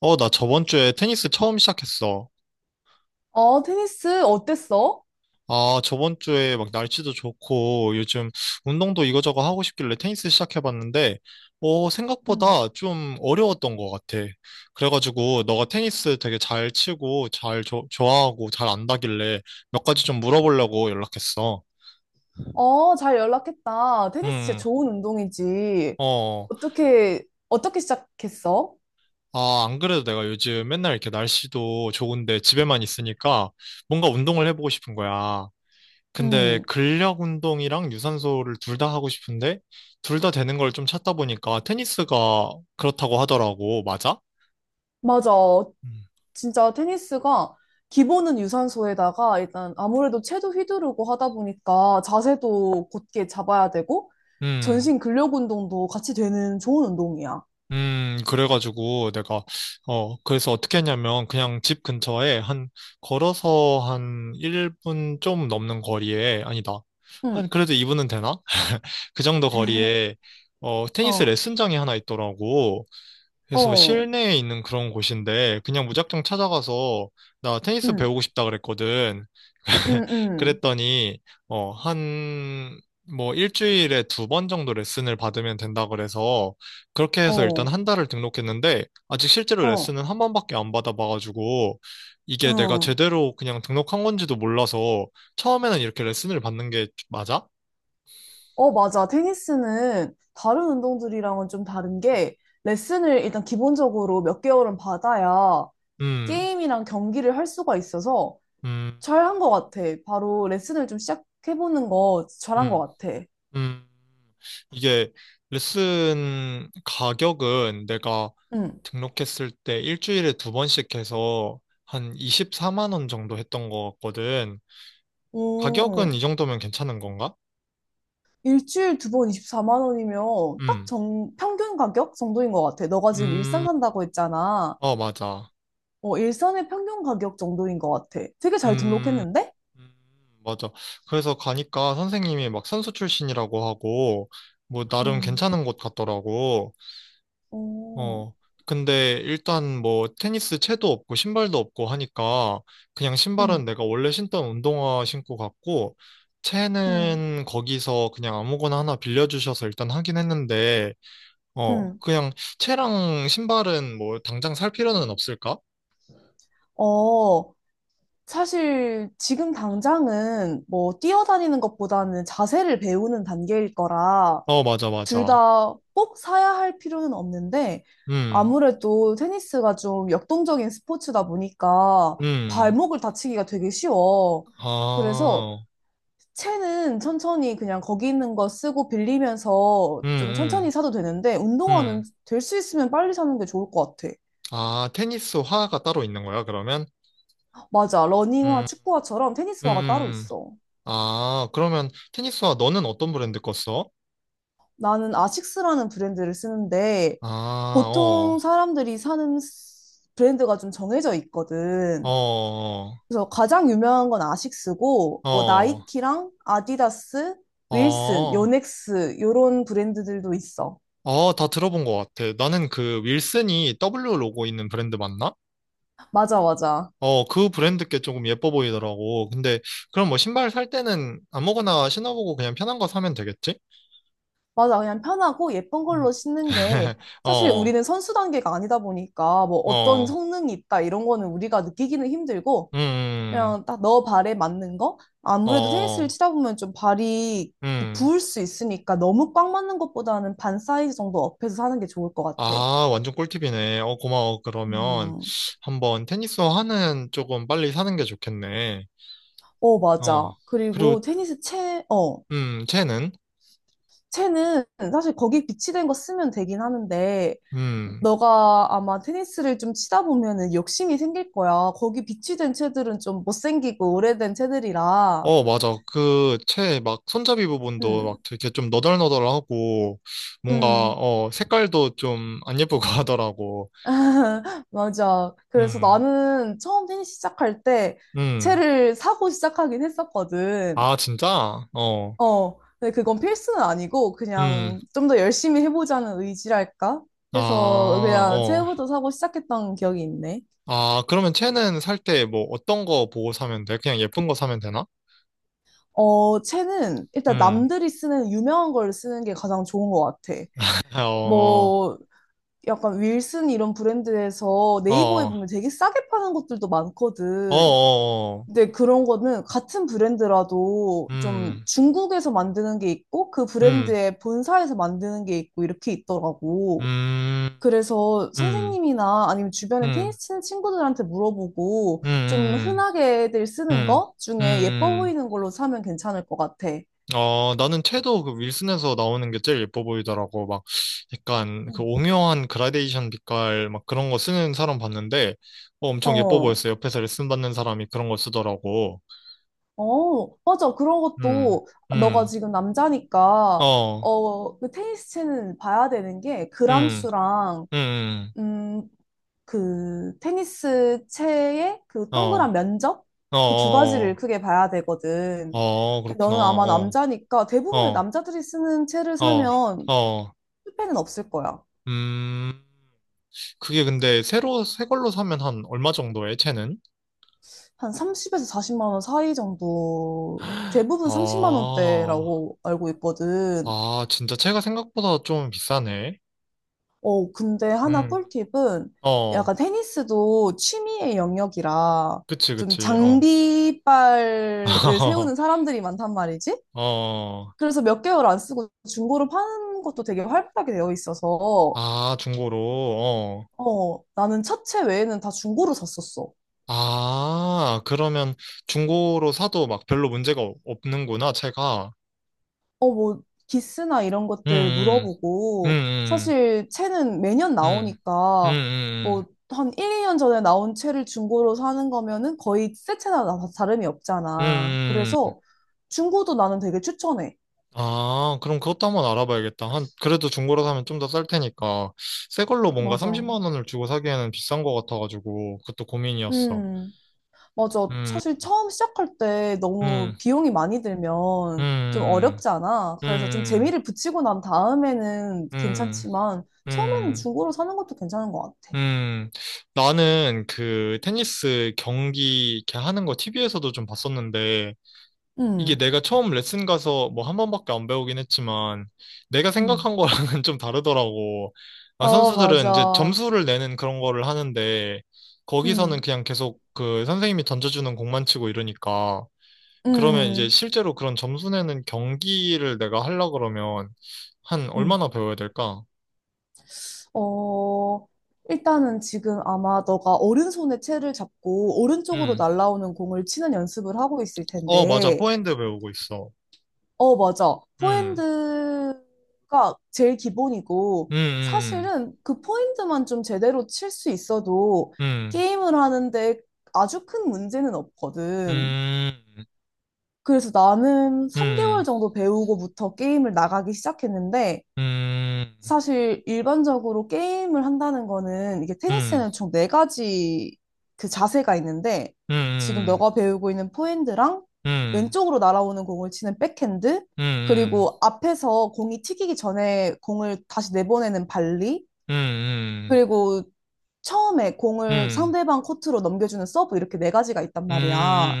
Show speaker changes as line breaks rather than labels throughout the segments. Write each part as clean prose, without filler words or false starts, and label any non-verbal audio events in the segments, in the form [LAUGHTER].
어, 나 저번 주에 테니스 처음 시작했어.
어, 테니스 어땠어?
아, 저번 주에 막 날씨도 좋고 요즘 운동도 이거저거 하고 싶길래 테니스 시작해봤는데, 어,
응.
생각보다 좀 어려웠던 것 같아. 그래가지고 너가 테니스 되게 잘 치고 잘 좋아하고 잘 안다길래 몇 가지 좀 물어보려고 연락했어.
어, 잘 연락했다. 테니스 진짜
음,
좋은 운동이지.
어,
어떻게 시작했어?
아, 안 그래도 내가 요즘 맨날 이렇게 날씨도 좋은데 집에만 있으니까 뭔가 운동을 해보고 싶은 거야. 근데
음,
근력 운동이랑 유산소를 둘 다 하고 싶은데 둘 다 되는 걸 좀 찾다 보니까 테니스가 그렇다고 하더라고. 맞아?
맞아.
음.
진짜 테니스가 기본은 유산소에다가 일단 아무래도 채도 휘두르고 하다 보니까 자세도 곧게 잡아야 되고
음,
전신 근력 운동도 같이 되는 좋은 운동이야.
그래가지고 내가, 어, 그래서 어떻게 했냐면 그냥 집 근처에 한, 걸어서 한 1분 좀 넘는 거리에, 아니다. 한,
응.
그래도 2분은 되나? [LAUGHS] 그 정도
[LAUGHS]
거리에, 어, 테니스
어,
레슨장이 하나 있더라고. 그래서
어,
실내에 있는 그런 곳인데 그냥 무작정 찾아가서 나 테니스
응,
배우고 싶다 그랬거든.
응,
[LAUGHS]
응,
그랬더니 어, 한 뭐 일주일에 두 번 정도 레슨을 받으면 된다 그래서 그렇게 해서 일단
어,
한 달을 등록했는데 아직 실제로
어,
레슨은 한 번밖에 안 받아봐가지고 이게 내가
응.
제대로 그냥 등록한 건지도 몰라서 처음에는 이렇게 레슨을 받는 게 맞아?
어, 맞아. 테니스는 다른 운동들이랑은 좀 다른 게 레슨을 일단 기본적으로 몇 개월은 받아야
음,
게임이랑 경기를 할 수가 있어서
음,
잘한 것 같아. 바로 레슨을 좀 시작해보는 거 잘한
음.
것 같아.
음, 이게 레슨 가격은 내가
응.
등록했을 때 일주일에 두 번씩 해서 한 24만 원 정도 했던 것 같거든. 가격은
오,
이 정도면 괜찮은 건가?
일주일 2번 24만 원이면 딱
음,
정, 평균 가격 정도인 것 같아. 너가 지금 일산
음,
산다고 했잖아.
어, 맞아.
어, 일산의 평균 가격 정도인 것 같아. 되게 잘
음,
등록했는데?
음, 맞아. 그래서 가니까 선생님이 막 선수 출신이라고 하고, 뭐, 나름
응.
괜찮은 곳 같더라고.
오,
어, 근데 일단 뭐 테니스 채도 없고 신발도 없고 하니까 그냥
응,
신발은 내가 원래 신던 운동화 신고 갔고
응.
채는 거기서 그냥 아무거나 하나 빌려주셔서 일단 하긴 했는데 어,
응.
그냥 채랑 신발은 뭐 당장 살 필요는 없을까?
어, 사실 지금 당장은 뭐 뛰어다니는 것보다는 자세를 배우는 단계일 거라
어, 맞아,
둘
맞아.
다 꼭 사야 할 필요는 없는데
음,
아무래도 테니스가 좀 역동적인 스포츠다 보니까
음,
발목을 다치기가 되게 쉬워. 그래서
아,
채는 천천히 그냥 거기 있는 거 쓰고 빌리면서
음,
좀
음,
천천히 사도 되는데 운동화는
음.
될 수 있으면 빨리 사는 게 좋을 것 같아.
아, 테니스 화가 따로 있는 거야, 그러면?
맞아. 러닝화,
음,
축구화처럼 테니스화가 따로
음.
있어.
아, 그러면 테니스화 너는 어떤 브랜드 거 써?
나는 아식스라는 브랜드를 쓰는데
아, 어,
보통 사람들이 사는 브랜드가 좀 정해져 있거든.
어,
그래서 가장 유명한 건 아식스고 뭐
어,
나이키랑 아디다스, 윌슨,
어,
요넥스 요런 브랜드들도 있어.
어, 다 들어본 것 같아. 나는 그 윌슨이 W 로고 있는 브랜드 맞나?
맞아, 맞아.
어, 그 브랜드 게 조금 예뻐 보이더라고. 근데 그럼 뭐 신발 살 때는 아무거나 신어보고 그냥 편한 거 사면 되겠지?
맞아. 그냥 편하고 예쁜
음.
걸로 신는 게
[LAUGHS]
사실
어,
우리는 선수 단계가 아니다 보니까 뭐 어떤
어,
성능이 있다 이런 거는 우리가 느끼기는 힘들고
음, 음,
그냥 딱 너 발에 맞는 거? 아무래도 테니스를
어,
치다 보면 좀 발이 이렇게
음.
부을 수 있으니까 너무 꽉 맞는 것보다는 반 사이즈 정도 업해서 사는 게 좋을 것 같아.
아, 완전 꿀팁이네. 어, 고마워. 그러면
음.
한번 테니스 화는 조금 빨리 사는 게 좋겠네.
어,
어,
맞아.
그리고,
그리고 테니스 채, 어,
채는?
채는 사실 거기 비치된 거 쓰면 되긴 하는데,
음,
너가 아마 테니스를 좀 치다 보면은 욕심이 생길 거야. 거기 비치된 채들은 좀 못생기고 오래된 채들이라.
어, 맞아. 그, 채 막 손잡이 부분도
음,
막 되게 좀 너덜너덜하고 뭔가,
음.
어, 색깔도 좀 안 예쁘고 [LAUGHS] 하더라고.
[LAUGHS] 맞아. 그래서
음,
나는 처음 테니스 시작할 때
음.
채를 사고 시작하긴 했었거든.
아, 진짜? 어,
어, 근데 그건 필수는 아니고
음.
그냥 좀 더 열심히 해보자는 의지랄까?
아,
해서 그냥
어.
채부터 사고 시작했던 기억이 있네.
아, 그러면 채는 살 때 뭐 어떤 거 보고 사면 돼? 그냥 예쁜 거 사면 되나?
어, 채는 일단
음.
남들이 쓰는 유명한 걸 쓰는 게 가장 좋은 것 같아.
[LAUGHS] 어.
뭐, 약간 윌슨 이런 브랜드에서
어,
네이버에
어,
보면 되게 싸게 파는 것들도
어,
많거든.
어, 어.
근데 그런 거는 같은 브랜드라도 좀
음,
중국에서 만드는 게 있고 그
음,
브랜드의 본사에서 만드는 게 있고 이렇게 있더라고.
음,
그래서
음,
선생님이나 아니면 주변에
음,
테니스 치는 친구들한테 물어보고 좀
음,
흔하게들 쓰는
음,
거
음,
중에 예뻐
음.
보이는 걸로 사면 괜찮을 것 같아.
어, 나는 채도 그 윌슨에서 나오는 게 제일 예뻐 보이더라고. 막, 약간 그
음.
오묘한 그라데이션 빛깔 막 그런 거 쓰는 사람 봤는데, 어, 엄청 예뻐
어,
보였어. 옆에서 레슨 받는 사람이 그런 걸 쓰더라고.
어, 맞아. 그런
음,
것도 너가
음,
지금 남자니까,
어,
어, 그 테니스 채는 봐야 되는 게
음,
그람수랑,
음,
음, 그 테니스 채의 그 동그란
어,
면적?
어,
그 두 가지를
어,
크게 봐야
어,
되거든.
어,
근데
그렇구나.
너는 아마
어,
남자니까 대부분의
어,
남자들이 쓰는 채를
어.
사면
어,
실패는 없을 거야.
음, 그게 근데 새 걸로 사면 한 얼마 정도에, 채는?
한 30에서 40만 원 사이 정도, 대부분 30만
아,
원대라고 알고 있거든.
아, 진짜 채가 생각보다 좀 비싸네.
어, 근데 하나
음,
꿀팁은
어,
약간 테니스도 취미의 영역이라
그치,
좀
그치, 어.
장비빨을 세우는
[LAUGHS]
사람들이 많단 말이지.
어,
그래서 몇 개월 안 쓰고 중고로 파는 것도 되게 활발하게 되어 있어서,
아, 중고로, 어.
어, 나는 차체 외에는 다 중고로 샀었어.
아, 그러면 중고로 사도 막 별로 문제가 없는구나, 채가.
어, 뭐, 기스나 이런 것들
음, 음,
물어보고,
음,
사실 채는 매년
음, 음, 음,
나오니까,
음, 음.
뭐, 한 1, 2년 전에 나온 채를 중고로 사는 거면은 거의 새 채나 다름이 없잖아.
음, 음.
그래서 중고도 나는 되게 추천해.
아, 그럼 그것도 한번 알아봐야겠다. 한, 그래도 중고로 사면 좀 더 쌀 테니까. 새 걸로 뭔가
맞아.
30만 원을 주고 사기에는 비싼 것 같아가지고, 그것도 고민이었어.
음. 맞아.
음,
사실 처음 시작할 때 너무
음,
비용이 많이 들면 좀
음,
어렵지 않아. 그래서 좀
음,
재미를 붙이고 난 다음에는
음,
괜찮지만 처음에는
음,
중고로 사는 것도 괜찮은 것 같아.
음. 나는 그 테니스 경기 이렇게 하는 거 TV에서도 좀 봤었는데, 이게
음.
내가 처음 레슨 가서 뭐 한 번밖에 안 배우긴 했지만 내가
음.
생각한 거랑은 [LAUGHS] 좀 다르더라고. 아,
어,
선수들은 이제
맞아.
점수를 내는 그런 거를 하는데 거기서는
음.
그냥 계속 그 선생님이 던져주는 공만 치고 이러니까 그러면 이제
음.
실제로 그런 점수 내는 경기를 내가 하려 그러면 한
음.
얼마나 배워야 될까?
어, 일단은 지금 아마 너가 오른손에 채를 잡고 오른쪽으로
음.
날아오는 공을 치는 연습을 하고 있을
어, 맞아.
텐데
포핸드 배우고 있어.
어, 맞아.
음.
포핸드가 제일 기본이고,
음.
사실은 그 포핸드만 좀 제대로 칠 수 있어도
음.
게임을 하는데 아주 큰 문제는 없거든.
음.
그래서 나는
음.
3개월 정도 배우고부터 게임을 나가기 시작했는데,
음. 음. 음.
사실 일반적으로 게임을 한다는 거는 이게
음.
테니스는 총 4가지 그 자세가 있는데
음.
지금
음.
너가 배우고 있는 포핸드랑
음,
왼쪽으로 날아오는 공을 치는 백핸드
음,
그리고 앞에서 공이 튀기기 전에 공을 다시 내보내는 발리
음, 음,
그리고 처음에 공을
음,
상대방 코트로 넘겨주는 서브 이렇게 4가지가 있단
음,
말이야.
음, 음,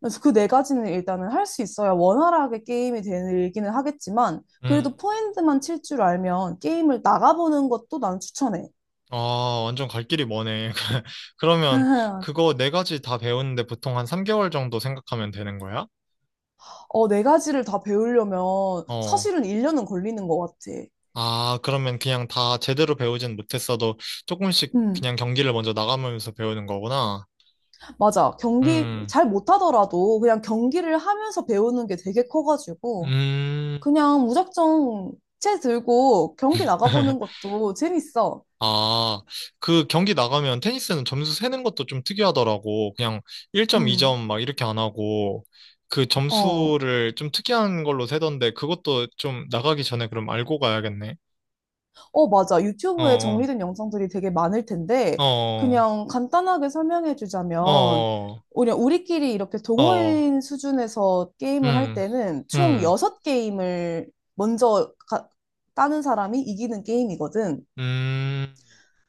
그래서 그 4가지는 일단은 할 수 있어야 원활하게 게임이 되기는 하겠지만,
음.
그래도 포핸드만 칠 줄 알면 게임을 나가보는 것도 난 추천해.
아, 완전 갈 길이 머네. [LAUGHS]
[LAUGHS]
그러면
맞아.
그거 네 가지 다 배우는데 보통 한 3개월 정도 생각하면 되는 거야?
어, 4가지를 다 배우려면
어.
사실은 1년은 걸리는 것 같아.
아, 그러면 그냥 다 제대로 배우진 못했어도 조금씩
음,
그냥 경기를 먼저 나가면서 배우는 거구나.
맞아. 경기
음,
잘 못하더라도 그냥 경기를 하면서 배우는 게 되게 커가지고,
음.
그냥 무작정 채 들고 경기 나가보는
[LAUGHS]
것도 재밌어.
아, 그 경기 나가면 테니스는 점수 세는 것도 좀 특이하더라고. 그냥 1점,
음,
2점 막 이렇게 안 하고, 그
어.
점수를 좀 특이한 걸로 세던데, 그것도 좀 나가기 전에 그럼 알고 가야겠네.
어, 맞아. 유튜브에
어,
정리된 영상들이 되게 많을 텐데,
어, 어,
그냥 간단하게 설명해
어,
주자면,
어,
그냥 우리끼리 이렇게
어, 어.
동호인 수준에서 게임을 할
음,
때는 총
음,
6게임을 먼저 따는 사람이 이기는 게임이거든.
음,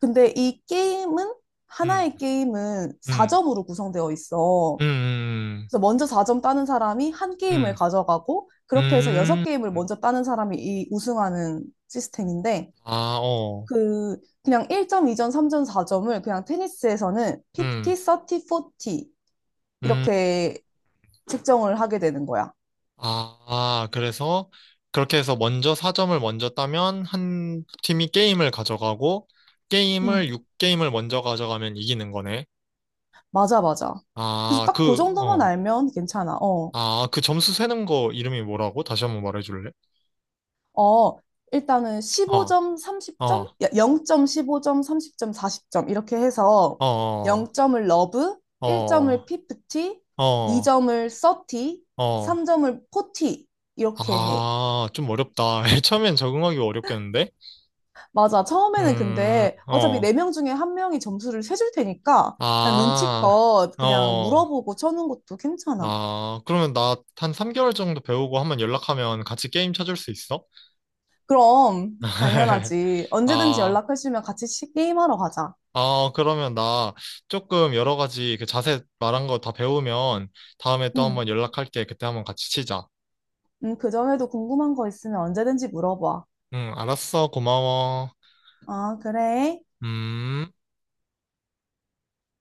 근데 이 게임은, 하나의 게임은
음,
4점으로 구성되어 있어.
음, 음,
그래서 먼저 4점 따는 사람이 한 게임을
음,
가져가고, 그렇게 해서
음, 음,
6게임을
음.
먼저 따는 사람이 이 우승하는 시스템인데,
아, 어,
그냥 1점, 2점, 3점, 4점을 그냥 테니스에서는 50,
음,
30, 40
음.
이렇게 측정을 하게 되는 거야.
아, 그래서 그렇게 해서 먼저 4점을 먼저 따면 한 팀이 게임을 가져가고 게임을
음,
6게임을 먼저 가져가면 이기는 거네.
맞아, 맞아. 그래서
아,
딱 그
그,
정도만
어.
알면 괜찮아. 어,
아, 그 점수 세는 거 이름이 뭐라고? 다시 한번 말해줄래?
어, 일단은 십오
어,
점 30점
어,
0.15점, 30점, 40점 이렇게 해서
어, 어,
0점을 러브, 1점을
어,
50,
어.
2점을 30,
어.
3점을 40 이렇게 해.
아, 좀 어렵다. [LAUGHS] 처음엔 적응하기 어렵겠는데?
맞아. 처음에는 근데 어차피
어,
4명 중에 1명이 점수를 세줄 테니까 그냥
아,
눈치껏 그냥
어.
물어보고 쳐는 것도 괜찮아.
아, 그러면 나 한 3개월 정도 배우고 한 번 연락하면 같이 게임 쳐줄 수 있어?
그럼
[LAUGHS]
당연하지. 언제든지
아,
연락해주면 같이 게임하러 가자.
아, 그러면 나 조금 여러 가지 그 자세 말한 거 다 배우면 다음에 또 한
응.
번 연락할게. 그때 한 번 같이 치자.
응, 그 전에도 궁금한 거 있으면 언제든지 물어봐.
응, 알았어. 고마워.
아, 그래.
음.